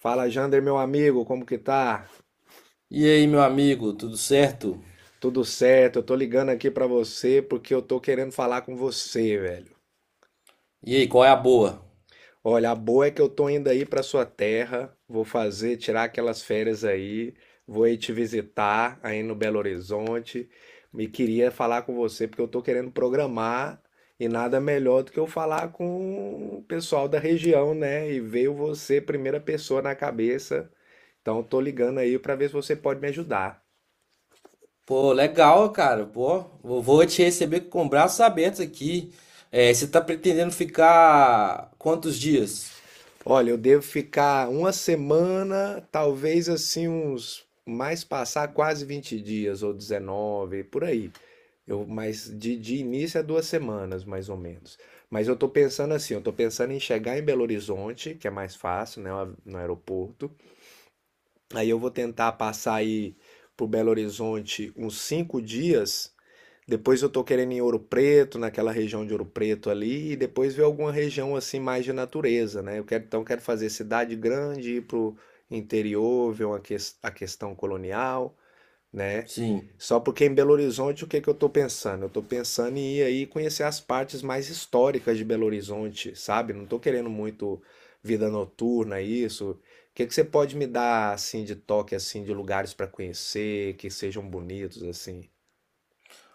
Fala, Jander, meu amigo, como que tá? E aí, meu amigo, tudo certo? Tudo certo? Eu tô ligando aqui pra você porque eu tô querendo falar com você, velho. E aí, qual é a boa? Olha, a boa é que eu tô indo aí pra sua terra, vou fazer, tirar aquelas férias aí, vou aí te visitar aí no Belo Horizonte. Me queria falar com você porque eu tô querendo programar e nada melhor do que eu falar com o pessoal da região, né? E veio você, primeira pessoa na cabeça. Então, eu tô ligando aí pra ver se você pode me ajudar. Pô, legal, cara. Pô, eu vou te receber com braços abertos aqui. É, você tá pretendendo ficar quantos dias? Olha, eu devo ficar uma semana, talvez assim uns mais passar quase 20 dias ou 19 por aí. Mas de início é 2 semanas, mais ou menos. Mas eu tô pensando assim, eu tô pensando em chegar em Belo Horizonte, que é mais fácil, né, no aeroporto. Aí eu vou tentar passar aí por Belo Horizonte uns 5 dias, depois eu tô querendo ir em Ouro Preto, naquela região de Ouro Preto ali, e depois ver alguma região assim mais de natureza, né? Eu quero, então quero fazer cidade grande, ir pro interior, ver a questão colonial, né? Sim. Só porque em Belo Horizonte o que que eu tô pensando? Eu tô pensando em ir aí conhecer as partes mais históricas de Belo Horizonte, sabe? Não tô querendo muito vida noturna, isso. O que que você pode me dar assim de toque assim de lugares para conhecer, que sejam bonitos assim?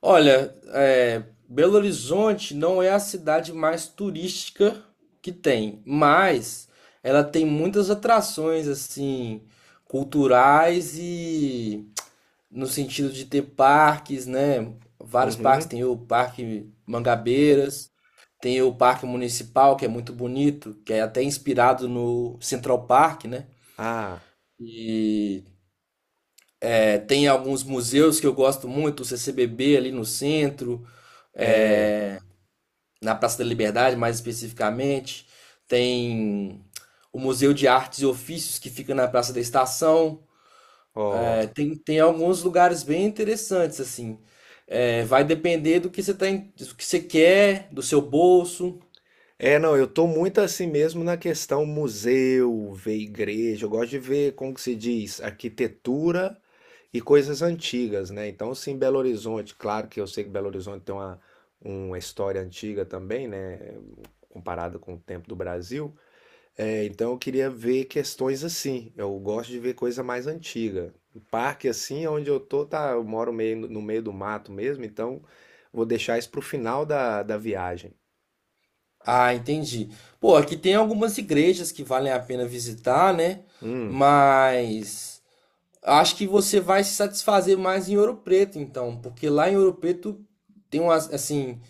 Olha, é, Belo Horizonte não é a cidade mais turística que tem, mas ela tem muitas atrações, assim, culturais e no sentido de ter parques, né? Vários parques, Uhum. tem o Parque Mangabeiras. Tem o Parque Municipal, que é muito bonito, que é até inspirado no Central Park, né? Ah. E tem alguns museus que eu gosto muito, o CCBB ali no centro, É, é, na Praça da Liberdade mais especificamente. Tem o Museu de Artes e Ofícios, que fica na Praça da Estação. ó. É, tem alguns lugares bem interessantes, assim. É, vai depender do que você tá, do que você quer, do seu bolso. É, não, eu tô muito assim mesmo na questão museu, ver igreja. Eu gosto de ver, como que se diz, arquitetura e coisas antigas, né? Então, sim, Belo Horizonte, claro que eu sei que Belo Horizonte tem uma história antiga também, né? Comparado com o tempo do Brasil. É, então, eu queria ver questões assim. Eu gosto de ver coisa mais antiga. O parque, assim, onde eu tô, tá, eu moro meio, no meio do mato mesmo, então vou deixar isso pro final da viagem. Ah, entendi. Pô, aqui tem algumas igrejas que valem a pena visitar, né? Hum, Mas acho que você vai se satisfazer mais em Ouro Preto, então, porque lá em Ouro Preto tem umas, assim,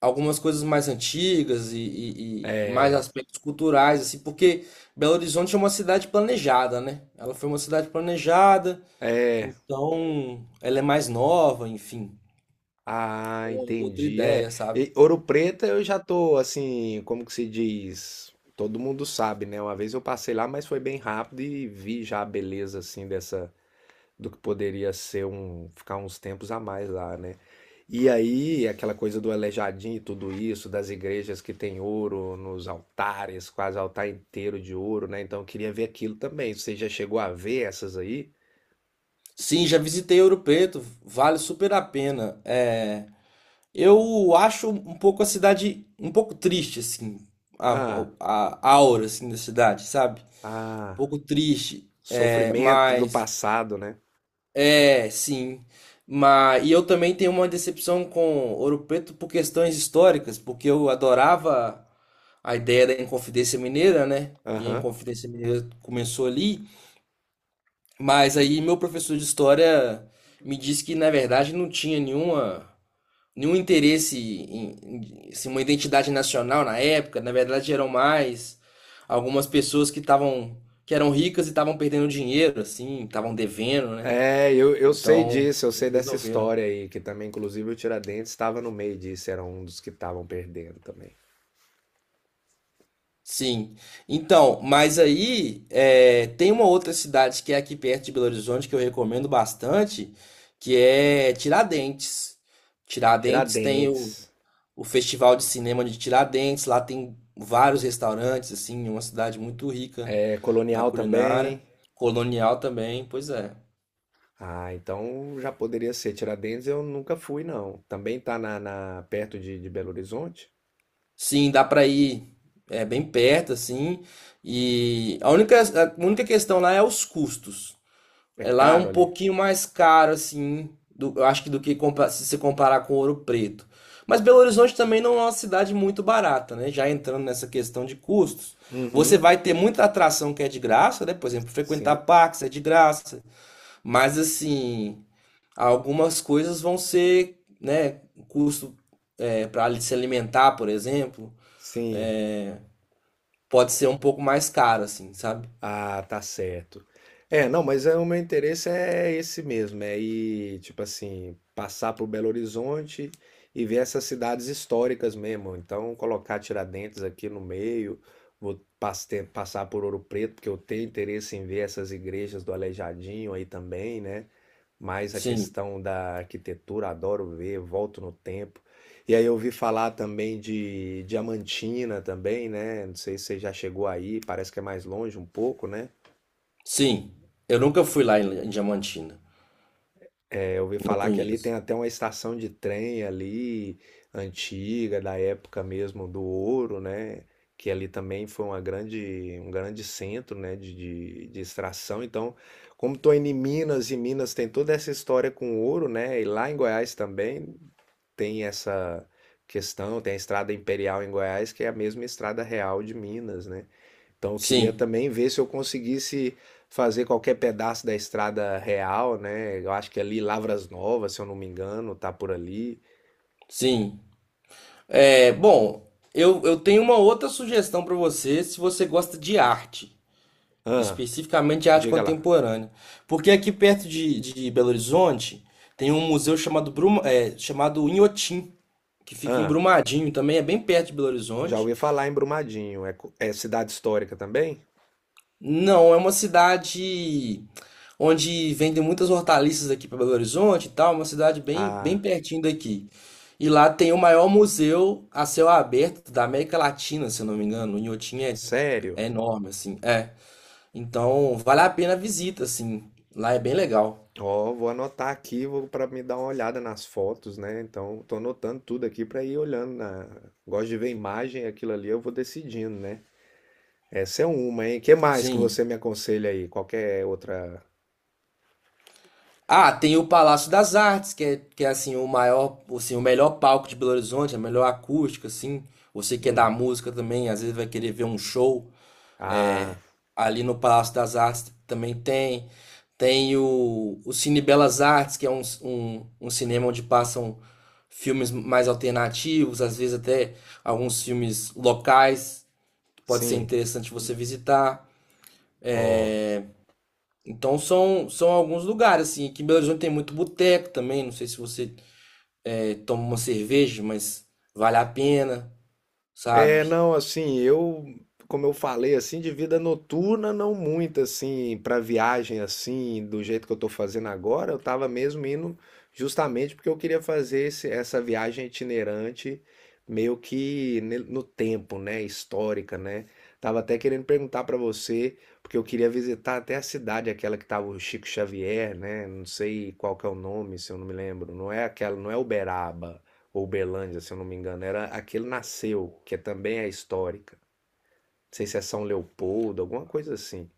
algumas coisas mais antigas e mais é, aspectos culturais, assim, porque Belo Horizonte é uma cidade planejada, né? Ela foi uma cidade planejada, é. então ela é mais nova, enfim, é Ah, uma outra entendi. É, ideia, sabe? e Ouro Preto eu já tô assim, como que se diz? Todo mundo sabe, né? Uma vez eu passei lá, mas foi bem rápido e vi já a beleza assim dessa, do que poderia ser um ficar uns tempos a mais lá, né? E aí, aquela coisa do Aleijadinho e tudo isso, das igrejas que tem ouro nos altares, quase altar inteiro de ouro, né? Então eu queria ver aquilo também. Você já chegou a ver essas aí? Sim, já visitei Ouro Preto, vale super a pena. É, eu acho um pouco a cidade um pouco triste, assim, a, Ah, a aura assim, da cidade, sabe? Um ah. pouco triste, é, Sofrimento do mas passado, né? é, sim. Mas, e eu também tenho uma decepção com Ouro Preto por questões históricas, porque eu adorava a ideia da Inconfidência Mineira, né? E a Aham. Inconfidência Mineira começou ali. Mas aí meu professor de história me disse que na verdade não tinha nenhum interesse assim, uma identidade nacional na época, na verdade eram mais algumas pessoas que estavam que eram ricas e estavam perdendo dinheiro assim, estavam devendo, né? É, eu sei Então, disso, eu sei eles dessa resolveram. história aí, que também, inclusive, o Tiradentes estava no meio disso, era um dos que estavam perdendo também. Sim. Então, mas aí é, tem uma outra cidade que é aqui perto de Belo Horizonte que eu recomendo bastante, que é Tiradentes. Tiradentes tem o Tiradentes, o Festival de Cinema de Tiradentes, lá tem vários restaurantes, assim, é uma cidade muito rica é, na colonial culinária, também. colonial também, pois é. Ah, então já poderia ser. Tiradentes eu nunca fui, não. Também tá perto de Belo Horizonte? Sim, dá pra ir, é bem perto assim, e a única questão lá é os custos. É É, lá é caro um ali. pouquinho mais caro, assim, do, eu acho que do que se você comparar com Ouro Preto. Mas Belo Horizonte também não é uma cidade muito barata, né? Já entrando nessa questão de custos. Você Uhum, vai ter muita atração que é de graça, né? Por exemplo, frequentar sim, parques é de graça. Mas, assim, algumas coisas vão ser, né? Custo para se alimentar, por exemplo, sim. é, pode ser um pouco mais caro, assim, sabe? Ah, tá certo. É, não, mas é, o meu interesse é esse mesmo, é ir, tipo assim, passar por Belo Horizonte e ver essas cidades históricas mesmo. Então, colocar Tiradentes aqui no meio, passar por Ouro Preto, porque eu tenho interesse em ver essas igrejas do Aleijadinho aí também, né? Mais a Sim, questão da arquitetura, adoro ver, volto no tempo. E aí eu ouvi falar também de Diamantina também, né? Não sei se você já chegou aí, parece que é mais longe um pouco, né? sim. Eu nunca fui lá em Diamantina. É, eu ouvi Não falar que ali tem conheço. até uma estação de trem ali, antiga, da época mesmo do ouro, né? Que ali também foi uma grande, um grande centro, né? De extração. Então, como estou indo em Minas e Minas tem toda essa história com ouro, né? E lá em Goiás também, tem essa questão, tem a Estrada Imperial em Goiás, que é a mesma Estrada Real de Minas, né? Então eu queria Sim, também ver se eu conseguisse fazer qualquer pedaço da Estrada Real, né? Eu acho que é ali Lavras Novas, se eu não me engano, tá por ali. sim. É, bom, eu tenho uma outra sugestão para você, se você gosta de arte, Ah, especificamente de arte diga lá. contemporânea. Porque aqui perto de Belo Horizonte tem um museu chamado, Bruma, é, chamado Inhotim, que fica em Ah, Brumadinho, também é bem perto de Belo já Horizonte. ouvi falar em Brumadinho. É, é cidade histórica também? Não, é uma cidade onde vendem muitas hortaliças aqui para Belo Horizonte e tal, uma cidade bem, bem Ah, pertinho daqui. E lá tem o maior museu a céu aberto da América Latina, se eu não me engano. O Inhotim é, sério? é enorme, assim. É. Então, vale a pena a visita, assim. Lá é bem legal. Ó, vou anotar aqui, vou para me dar uma olhada nas fotos, né? Então, tô anotando tudo aqui para ir olhando na... Gosto de ver imagem, aquilo ali eu vou decidindo, né? Essa é uma, hein? Que mais que Sim. você me aconselha aí? Qualquer outra? Ah, tem o Palácio das Artes, que é assim, o maior, assim, o melhor palco de Belo Horizonte, a melhor acústica, assim. Você que é da Hum. música também, às vezes vai querer ver um show. Ah, Ali no Palácio das Artes também tem. Tem o Cine Belas Artes, que é um cinema onde passam filmes mais alternativos, às vezes até alguns filmes locais, que pode ser sim. interessante você visitar. Ó. É, então são, são alguns lugares, assim. Aqui em Belo Horizonte tem muito boteco também, não sei se você é, toma uma cerveja, mas vale a pena, É, sabe? não, assim, eu, como eu falei, assim, de vida noturna, não muito, assim, para viagem, assim, do jeito que eu tô fazendo agora, eu tava mesmo indo justamente porque eu queria fazer essa viagem itinerante meio que no tempo, né, histórica, né? Tava até querendo perguntar para você, porque eu queria visitar até a cidade, aquela que tava o Chico Xavier, né? Não sei qual que é o nome, se eu não me lembro. Não é aquela, não é Uberaba ou Belândia, se eu não me engano, era aquele nasceu, que também é histórica. Não sei se é São Leopoldo, alguma coisa assim.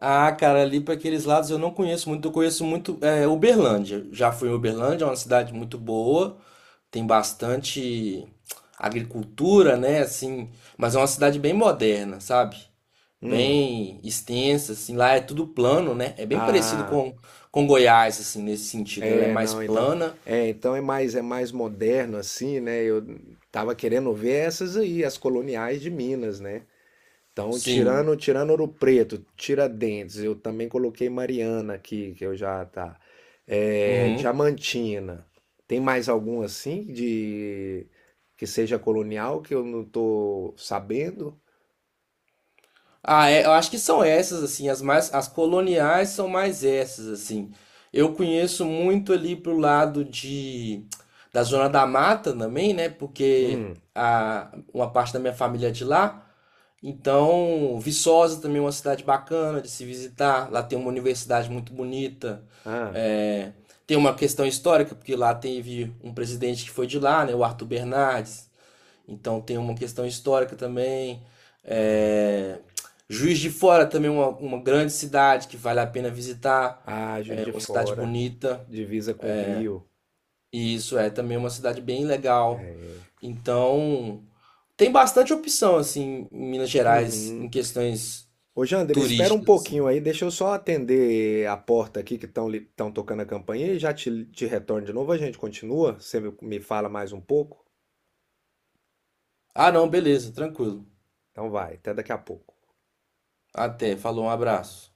Ah, cara, ali para aqueles lados eu não conheço muito. Eu conheço muito é, Uberlândia. Já fui em Uberlândia, é uma cidade muito boa, tem bastante agricultura, né? Assim, mas é uma cidade bem moderna, sabe? Hum. Bem extensa, assim. Lá é tudo plano, né? É bem parecido Ah, com Goiás, assim, nesse sentido. Ela é é, mais não, então. plana, É, então é mais, é mais moderno assim, né? Eu tava querendo ver essas aí, as coloniais de Minas, né? Então, sim. tirando Ouro Preto, Tiradentes, eu também coloquei Mariana aqui, que eu já tá. É, Uhum. Diamantina. Tem mais algum assim de que seja colonial que eu não tô sabendo? Ah, é, eu acho que são essas, assim, as mais, as coloniais são mais essas, assim. Eu conheço muito ali pro lado da Zona da Mata também, né? Porque Hum. a, uma parte da minha família é de lá. Então, Viçosa também é uma cidade bacana de se visitar. Lá tem uma universidade muito bonita. Ah, É, tem uma questão histórica, porque lá teve um presidente que foi de lá, né? O Arthur Bernardes. Então tem uma questão histórica também. É, Juiz de Fora também é uma grande cidade que vale a pena visitar. ah, Juiz É de uma cidade Fora, bonita. divisa com o Rio. E isso é também uma cidade bem legal. Então tem bastante opção assim em Minas Gerais em Uhum. questões Ô, Jander, espera um turísticas assim. pouquinho aí, deixa eu só atender a porta aqui que estão tocando a campainha e já te, te retorno de novo. A gente continua? Você me fala mais um pouco? Ah, não, beleza, tranquilo. Então vai, até daqui a pouco. Até, falou, um abraço.